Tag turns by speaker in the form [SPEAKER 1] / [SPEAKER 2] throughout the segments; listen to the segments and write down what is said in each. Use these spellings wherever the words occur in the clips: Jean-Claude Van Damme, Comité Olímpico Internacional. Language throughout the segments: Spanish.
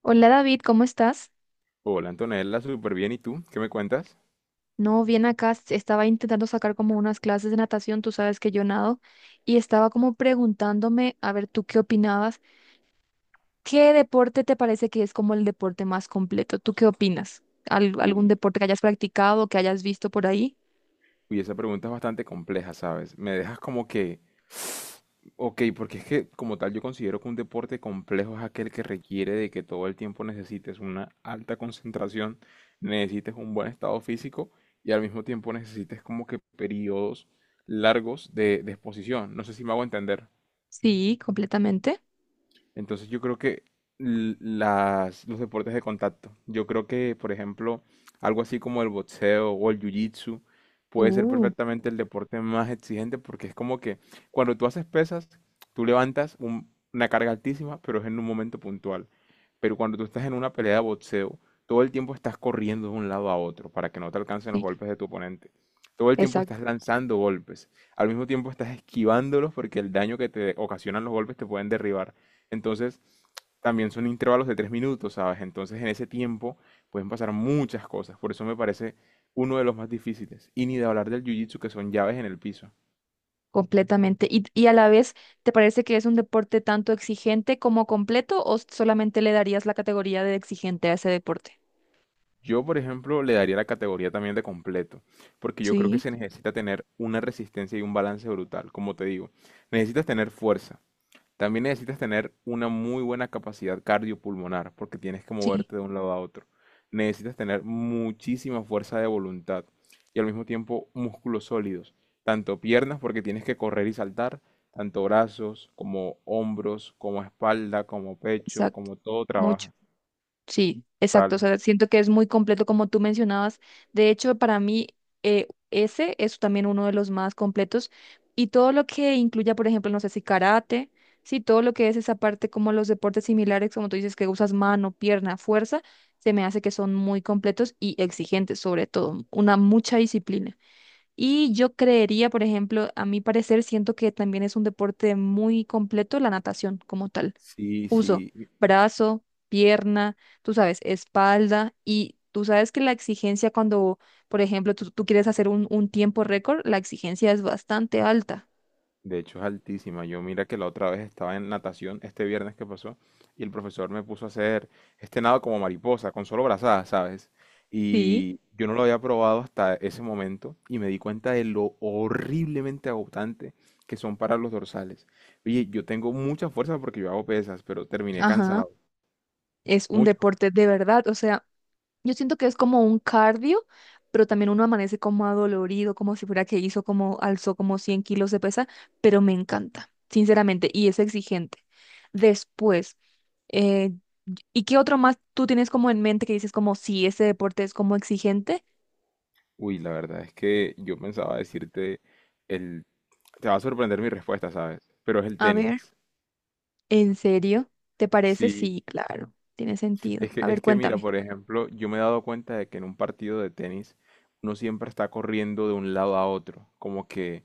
[SPEAKER 1] Hola David, ¿cómo estás?
[SPEAKER 2] Hola Antonella, súper bien. ¿Y tú? ¿Qué me cuentas?
[SPEAKER 1] No, bien acá. Estaba intentando sacar como unas clases de natación, tú sabes que yo nado, y estaba como preguntándome, a ver, ¿tú qué opinabas? ¿Qué deporte te parece que es como el deporte más completo? ¿Tú qué opinas? ¿Algún
[SPEAKER 2] Uy,
[SPEAKER 1] deporte que hayas practicado, que hayas visto por ahí?
[SPEAKER 2] Uy, esa pregunta es bastante compleja, ¿sabes? Me dejas como que, ok, porque es que como tal yo considero que un deporte complejo es aquel que requiere de que todo el tiempo necesites una alta concentración, necesites un buen estado físico y al mismo tiempo necesites como que periodos largos de exposición. No sé si me hago entender.
[SPEAKER 1] Sí, completamente.
[SPEAKER 2] Entonces yo creo que los deportes de contacto, yo creo que, por ejemplo, algo así como el boxeo o el jiu-jitsu puede ser
[SPEAKER 1] Uh,
[SPEAKER 2] perfectamente el deporte más exigente porque es como que cuando tú haces pesas, tú levantas una carga altísima, pero es en un momento puntual. Pero cuando tú estás en una pelea de boxeo, todo el tiempo estás corriendo de un lado a otro para que no te alcancen los
[SPEAKER 1] sí,
[SPEAKER 2] golpes de tu oponente. Todo el tiempo
[SPEAKER 1] exacto,
[SPEAKER 2] estás lanzando golpes. Al mismo tiempo estás esquivándolos porque el daño que te ocasionan los golpes te pueden derribar. Entonces, también son intervalos de 3 minutos, ¿sabes? Entonces, en ese tiempo pueden pasar muchas cosas. Por eso me parece uno de los más difíciles. Y ni de hablar del jiu-jitsu, que son llaves en el piso.
[SPEAKER 1] completamente. ¿Y a la vez, te parece que es un deporte tanto exigente como completo o solamente le darías la categoría de exigente a ese deporte?
[SPEAKER 2] Yo, por ejemplo, le daría la categoría también de completo, porque yo creo que
[SPEAKER 1] Sí,
[SPEAKER 2] se necesita tener una resistencia y un balance brutal. Como te digo, necesitas tener fuerza, también necesitas tener una muy buena capacidad cardiopulmonar porque tienes que
[SPEAKER 1] sí.
[SPEAKER 2] moverte de un lado a otro. Necesitas tener muchísima fuerza de voluntad y al mismo tiempo músculos sólidos, tanto piernas porque tienes que correr y saltar, tanto brazos como hombros, como espalda, como pecho,
[SPEAKER 1] Exacto.
[SPEAKER 2] como todo
[SPEAKER 1] Mucho,
[SPEAKER 2] trabaja.
[SPEAKER 1] sí, exacto. O
[SPEAKER 2] Tal.
[SPEAKER 1] sea, siento que es muy completo como tú mencionabas. De hecho, para mí, ese es también uno de los más completos. Y todo lo que incluya, por ejemplo, no sé, si karate, sí, todo lo que es esa parte como los deportes similares, como tú dices, que usas mano, pierna, fuerza, se me hace que son muy completos y exigentes, sobre todo, una mucha disciplina. Y yo creería, por ejemplo, a mi parecer, siento que también es un deporte muy completo la natación como tal.
[SPEAKER 2] Sí,
[SPEAKER 1] Uso
[SPEAKER 2] sí.
[SPEAKER 1] brazo, pierna, tú sabes, espalda, y tú sabes que la exigencia cuando, por ejemplo, tú quieres hacer un tiempo récord, la exigencia es bastante alta.
[SPEAKER 2] De hecho, es altísima. Yo mira que la otra vez estaba en natación, este viernes que pasó, y el profesor me puso a hacer este nado como mariposa, con solo brazadas, ¿sabes?
[SPEAKER 1] Sí.
[SPEAKER 2] Y yo no lo había probado hasta ese momento y me di cuenta de lo horriblemente agotante que son para los dorsales. Oye, yo tengo mucha fuerza porque yo hago pesas, pero terminé
[SPEAKER 1] Ajá.
[SPEAKER 2] cansado,
[SPEAKER 1] Es un
[SPEAKER 2] mucho.
[SPEAKER 1] deporte de verdad, o sea, yo siento que es como un cardio, pero también uno amanece como adolorido, como si fuera que hizo como, alzó como 100 kilos de pesa, pero me encanta, sinceramente, y es exigente. Después, eh, ¿y qué otro más tú tienes como en mente que dices como, sí, ese deporte es como exigente?
[SPEAKER 2] Uy, la verdad es que yo pensaba decirte el... Te va a sorprender mi respuesta, ¿sabes? Pero es el
[SPEAKER 1] A
[SPEAKER 2] tenis.
[SPEAKER 1] ver, ¿en serio? ¿Te parece?
[SPEAKER 2] Sí,
[SPEAKER 1] Sí, claro, tiene sentido.
[SPEAKER 2] es que,
[SPEAKER 1] A ver,
[SPEAKER 2] es que mira,
[SPEAKER 1] cuéntame.
[SPEAKER 2] por ejemplo, yo me he dado cuenta de que en un partido de tenis uno siempre está corriendo de un lado a otro, como que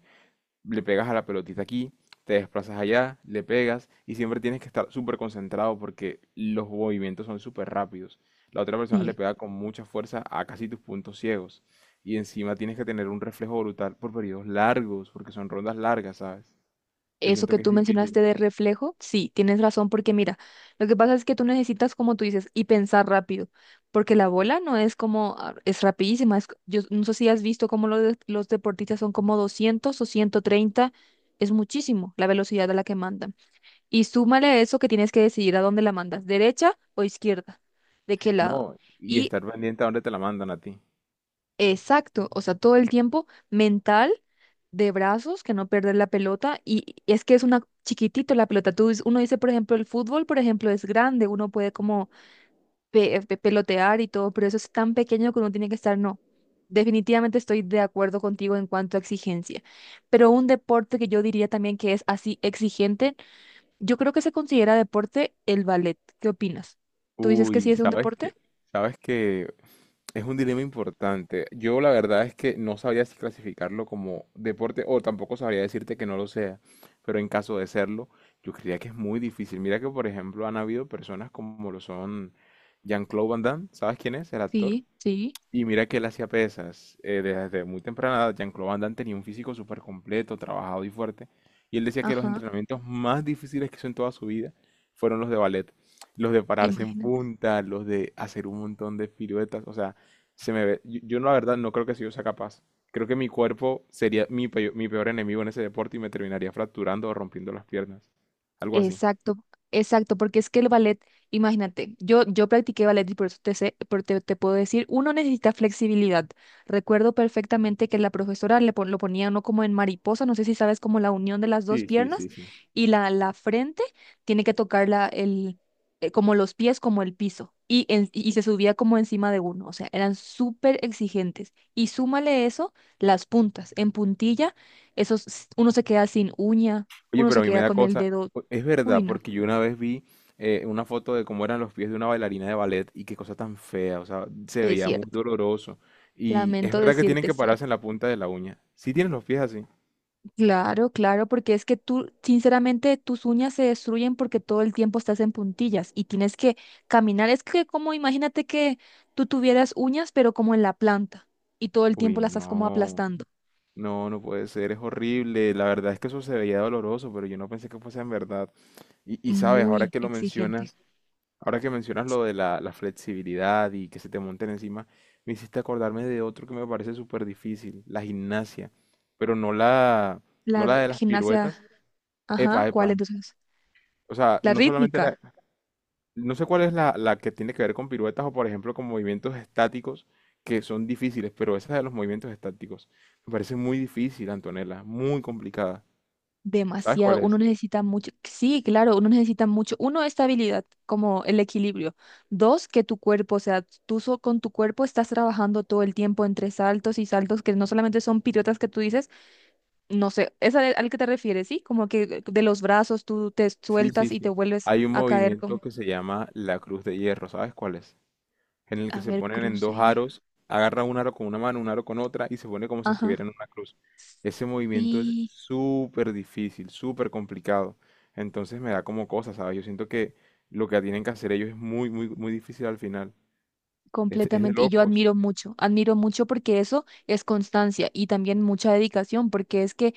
[SPEAKER 2] le pegas a la pelotita aquí, te desplazas allá, le pegas y siempre tienes que estar súper concentrado porque los movimientos son súper rápidos. La otra persona le
[SPEAKER 1] Sí.
[SPEAKER 2] pega con mucha fuerza a casi tus puntos ciegos y encima tienes que tener un reflejo brutal por periodos largos, porque son rondas largas, ¿sabes? Yo
[SPEAKER 1] Eso
[SPEAKER 2] siento
[SPEAKER 1] que
[SPEAKER 2] que es
[SPEAKER 1] tú mencionaste
[SPEAKER 2] difícil.
[SPEAKER 1] de reflejo, sí, tienes razón, porque mira, lo que pasa es que tú necesitas, como tú dices, y pensar rápido, porque la bola no es como, ah, es rapidísima, es, yo no sé si has visto cómo los deportistas son como 200 o 130. Es muchísimo la velocidad a la que mandan. Y súmale a eso que tienes que decidir a dónde la mandas, derecha o izquierda, de qué lado.
[SPEAKER 2] No, y
[SPEAKER 1] Y
[SPEAKER 2] estar pendiente a dónde te la mandan a ti.
[SPEAKER 1] exacto, o sea, todo el tiempo mental, de brazos, que no perder la pelota, y es que es una chiquitito la pelota. Uno dice, por ejemplo, el fútbol, por ejemplo, es grande, uno puede como pelotear y todo, pero eso es tan pequeño que uno tiene que estar, no. Definitivamente estoy de acuerdo contigo en cuanto a exigencia, pero un deporte que yo diría también que es así exigente, yo creo que se considera deporte, el ballet. ¿Qué opinas? ¿Tú dices que sí
[SPEAKER 2] Uy,
[SPEAKER 1] es un deporte?
[SPEAKER 2] sabes que es un dilema importante. Yo la verdad es que no sabría si clasificarlo como deporte o tampoco sabría decirte que no lo sea, pero en caso de serlo, yo creería que es muy difícil. Mira que, por ejemplo, han habido personas como lo son Jean-Claude Van Damme, ¿sabes quién es? El actor.
[SPEAKER 1] Sí, sí,
[SPEAKER 2] Y mira que él hacía pesas. Desde muy temprana edad, Jean-Claude Van Damme tenía un físico súper completo, trabajado y fuerte. Y él decía que los
[SPEAKER 1] ajá.
[SPEAKER 2] entrenamientos más difíciles que hizo en toda su vida fueron los de ballet. Los de pararse en
[SPEAKER 1] ¡Imagínate!
[SPEAKER 2] punta, los de hacer un montón de piruetas. O sea, se me ve. Yo, la verdad no creo que si yo sea capaz. Creo que mi cuerpo sería mi peor enemigo en ese deporte y me terminaría fracturando o rompiendo las piernas. Algo así.
[SPEAKER 1] Exacto, exacto, porque es que el ballet, imagínate, yo practiqué ballet y por eso te sé- por- te puedo decir, uno necesita flexibilidad. Recuerdo perfectamente que la profesora lo ponía uno como en mariposa, no sé si sabes, como la unión de las dos
[SPEAKER 2] Sí, sí,
[SPEAKER 1] piernas
[SPEAKER 2] sí, sí.
[SPEAKER 1] y la frente tiene que tocar como los pies, como el piso, y, y se subía como encima de uno, o sea, eran súper exigentes. Y súmale eso, las puntas, en puntilla, esos, uno se queda sin uña,
[SPEAKER 2] Oye,
[SPEAKER 1] uno se
[SPEAKER 2] pero a mí me
[SPEAKER 1] queda
[SPEAKER 2] da
[SPEAKER 1] con el
[SPEAKER 2] cosa.
[SPEAKER 1] dedo.
[SPEAKER 2] Es
[SPEAKER 1] Uy,
[SPEAKER 2] verdad,
[SPEAKER 1] no,
[SPEAKER 2] porque yo una vez vi una foto de cómo eran los pies de una bailarina de ballet y qué cosa tan fea. O sea, se
[SPEAKER 1] es
[SPEAKER 2] veía muy
[SPEAKER 1] cierto.
[SPEAKER 2] doloroso. Y es
[SPEAKER 1] Lamento
[SPEAKER 2] verdad que tienen
[SPEAKER 1] decirte,
[SPEAKER 2] que
[SPEAKER 1] sí.
[SPEAKER 2] pararse en la punta de la uña. ¿Sí tienen los pies así?
[SPEAKER 1] Claro, claro, porque es que tú, sinceramente, tus uñas se destruyen porque todo el tiempo estás en puntillas y tienes que caminar. Es que, como imagínate que tú tuvieras uñas, pero como en la planta, y todo el
[SPEAKER 2] Uy,
[SPEAKER 1] tiempo las estás como
[SPEAKER 2] no.
[SPEAKER 1] aplastando.
[SPEAKER 2] No, no puede ser. Es horrible. La verdad es que eso se veía doloroso, pero yo no pensé que fuese en verdad. Y sabes, ahora
[SPEAKER 1] Muy
[SPEAKER 2] que lo
[SPEAKER 1] exigente.
[SPEAKER 2] mencionas, ahora que mencionas lo de la flexibilidad y que se te monten encima, me hiciste acordarme de otro que me parece súper difícil, la gimnasia, pero no la,
[SPEAKER 1] La
[SPEAKER 2] no la de las
[SPEAKER 1] gimnasia,
[SPEAKER 2] piruetas.
[SPEAKER 1] ajá,
[SPEAKER 2] Epa,
[SPEAKER 1] ¿cuál
[SPEAKER 2] epa.
[SPEAKER 1] entonces?
[SPEAKER 2] O sea,
[SPEAKER 1] La
[SPEAKER 2] no solamente la...
[SPEAKER 1] rítmica.
[SPEAKER 2] No sé cuál es la que tiene que ver con piruetas o, por ejemplo, con movimientos estáticos que son difíciles, pero esa de los movimientos estáticos me parece muy difícil, Antonella, muy complicada. ¿Sabes cuál
[SPEAKER 1] Demasiado, uno
[SPEAKER 2] es?
[SPEAKER 1] necesita mucho, sí, claro, uno necesita mucho. Uno, estabilidad, como el equilibrio. Dos, que tu cuerpo, o sea, tú, con tu cuerpo estás trabajando todo el tiempo entre saltos y saltos, que no solamente son piruetas que tú dices, no sé, es al que te refieres, ¿sí? Como que de los brazos tú te
[SPEAKER 2] Sí, sí,
[SPEAKER 1] sueltas y te
[SPEAKER 2] sí.
[SPEAKER 1] vuelves
[SPEAKER 2] Hay un
[SPEAKER 1] a caer
[SPEAKER 2] movimiento
[SPEAKER 1] con,
[SPEAKER 2] que se llama la cruz de hierro, ¿sabes cuál es? En el que
[SPEAKER 1] a
[SPEAKER 2] se
[SPEAKER 1] ver,
[SPEAKER 2] ponen en
[SPEAKER 1] cruce
[SPEAKER 2] dos
[SPEAKER 1] y hierro.
[SPEAKER 2] aros, agarra un aro con una mano, un aro con otra y se pone como si
[SPEAKER 1] Ajá,
[SPEAKER 2] estuviera en una cruz. Ese movimiento es
[SPEAKER 1] sí,
[SPEAKER 2] súper difícil, súper complicado. Entonces me da como cosa, ¿sabes? Yo siento que lo que tienen que hacer ellos es muy, muy, muy difícil al final. Es de
[SPEAKER 1] completamente. Y yo
[SPEAKER 2] locos.
[SPEAKER 1] admiro mucho, admiro mucho, porque eso es constancia y también mucha dedicación, porque es que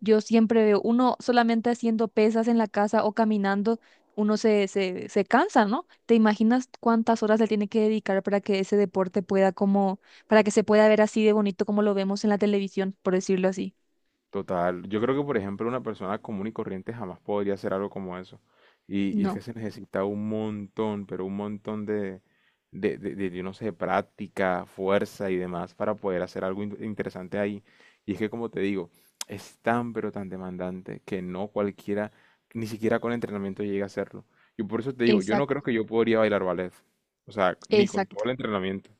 [SPEAKER 1] yo siempre veo, uno solamente haciendo pesas en la casa o caminando, uno se cansa, ¿no? ¿Te imaginas cuántas horas le tiene que dedicar para que ese deporte pueda como, para que se pueda ver así de bonito como lo vemos en la televisión, por decirlo así?
[SPEAKER 2] Total, yo creo que por ejemplo una persona común y corriente jamás podría hacer algo como eso. Y es que
[SPEAKER 1] No.
[SPEAKER 2] se necesita un montón, pero un montón de de, yo no sé, práctica, fuerza y demás para poder hacer algo interesante ahí. Y es que como te digo, es tan pero tan demandante que no cualquiera, ni siquiera con entrenamiento llega a hacerlo. Y por eso te digo, yo no creo
[SPEAKER 1] Exacto,
[SPEAKER 2] que yo podría bailar ballet. O sea, ni con
[SPEAKER 1] exacto.
[SPEAKER 2] todo el entrenamiento.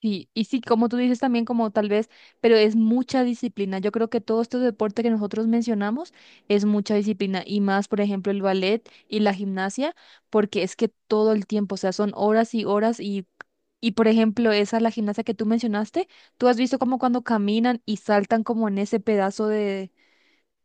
[SPEAKER 1] Sí, y sí, como tú dices también, como tal vez, pero es mucha disciplina. Yo creo que todo este deporte que nosotros mencionamos es mucha disciplina, y más, por ejemplo, el ballet y la gimnasia, porque es que todo el tiempo, o sea, son horas y horas, y por ejemplo, esa, la gimnasia que tú mencionaste, tú has visto, como cuando caminan y saltan como en ese pedazo de,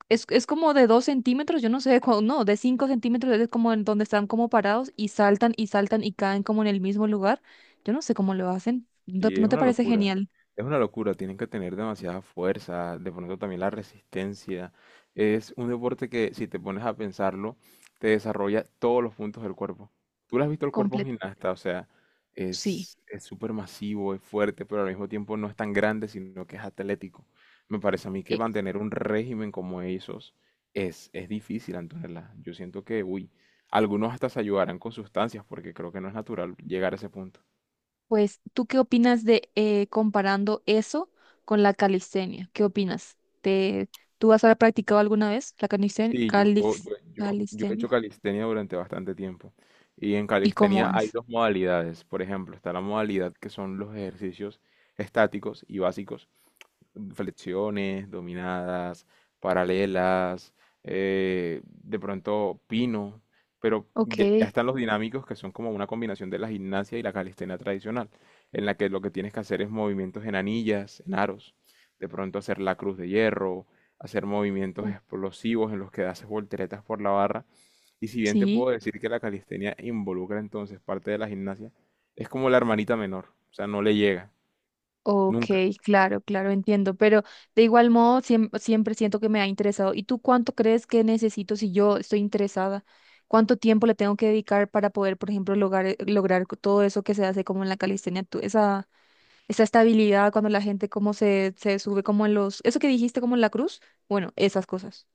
[SPEAKER 1] es como de 2 centímetros, yo no sé, de no, de 5 centímetros, es como en donde están como parados y saltan y saltan y caen como en el mismo lugar. Yo no sé cómo lo hacen. ¿No,
[SPEAKER 2] Sí,
[SPEAKER 1] no
[SPEAKER 2] es
[SPEAKER 1] te
[SPEAKER 2] una
[SPEAKER 1] parece
[SPEAKER 2] locura.
[SPEAKER 1] genial?
[SPEAKER 2] Es una locura. Tienen que tener demasiada fuerza. De pronto también la resistencia. Es un deporte que, si te pones a pensarlo, te desarrolla todos los puntos del cuerpo. Tú lo has visto el cuerpo a un
[SPEAKER 1] Completo.
[SPEAKER 2] gimnasta, o sea,
[SPEAKER 1] Sí.
[SPEAKER 2] es súper masivo, es fuerte, pero al mismo tiempo no es tan grande, sino que es atlético. Me parece a mí que
[SPEAKER 1] Eh,
[SPEAKER 2] mantener un régimen como esos es difícil, Antonella. Yo siento que, uy, algunos hasta se ayudarán con sustancias, porque creo que no es natural llegar a ese punto.
[SPEAKER 1] pues, ¿tú qué opinas de, comparando eso con la calistenia? ¿Qué opinas? ¿Te, tú has practicado alguna vez la calistenia?
[SPEAKER 2] Sí, yo he
[SPEAKER 1] ¿Calistenia?
[SPEAKER 2] hecho calistenia durante bastante tiempo. Y en
[SPEAKER 1] ¿Y cómo
[SPEAKER 2] calistenia hay
[SPEAKER 1] es?
[SPEAKER 2] dos modalidades. Por ejemplo, está la modalidad que son los ejercicios estáticos y básicos, flexiones, dominadas, paralelas, de pronto pino, pero
[SPEAKER 1] Ok.
[SPEAKER 2] ya están los dinámicos que son como una combinación de la gimnasia y la calistenia tradicional, en la que lo que tienes que hacer es movimientos en anillas, en aros, de pronto hacer la cruz de hierro, hacer movimientos
[SPEAKER 1] Uh,
[SPEAKER 2] explosivos en los que haces volteretas por la barra. Y si bien te
[SPEAKER 1] Sí.
[SPEAKER 2] puedo decir que la calistenia involucra entonces parte de la gimnasia, es como la hermanita menor, o sea, no le llega,
[SPEAKER 1] Ok,
[SPEAKER 2] nunca.
[SPEAKER 1] claro, claro, entiendo, pero de igual modo, siempre siento que me ha interesado. ¿Y tú cuánto crees que necesito si yo estoy interesada? ¿Cuánto tiempo le tengo que dedicar para poder, por ejemplo, lograr, lograr todo eso que se hace como en la calistenia? Esa estabilidad, cuando la gente como se sube como en los, eso que dijiste como en la cruz, bueno, esas cosas.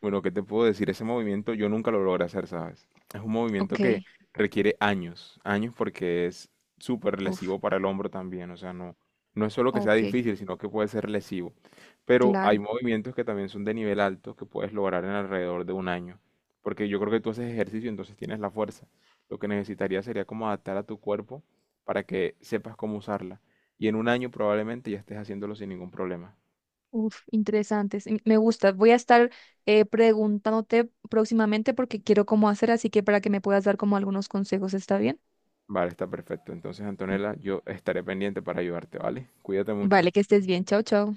[SPEAKER 2] Bueno, ¿qué te puedo decir? Ese movimiento yo nunca lo logré hacer, ¿sabes? Es un movimiento
[SPEAKER 1] Ok,
[SPEAKER 2] que requiere años, años porque es súper
[SPEAKER 1] uf,
[SPEAKER 2] lesivo para el hombro también, o sea, no, no es solo que sea
[SPEAKER 1] ok,
[SPEAKER 2] difícil, sino que puede ser lesivo. Pero hay
[SPEAKER 1] claro.
[SPEAKER 2] movimientos que también son de nivel alto que puedes lograr en alrededor de un año, porque yo creo que tú haces ejercicio, entonces tienes la fuerza. Lo que necesitaría sería como adaptar a tu cuerpo para que sepas cómo usarla. Y en un año probablemente ya estés haciéndolo sin ningún problema.
[SPEAKER 1] Uf, interesantes. Me gusta. Voy a estar, preguntándote próximamente porque quiero cómo hacer, así que para que me puedas dar como algunos consejos, ¿está bien?
[SPEAKER 2] Vale, está perfecto. Entonces, Antonella, yo estaré pendiente para ayudarte, ¿vale? Cuídate mucho.
[SPEAKER 1] Vale, que estés bien. Chao, chao.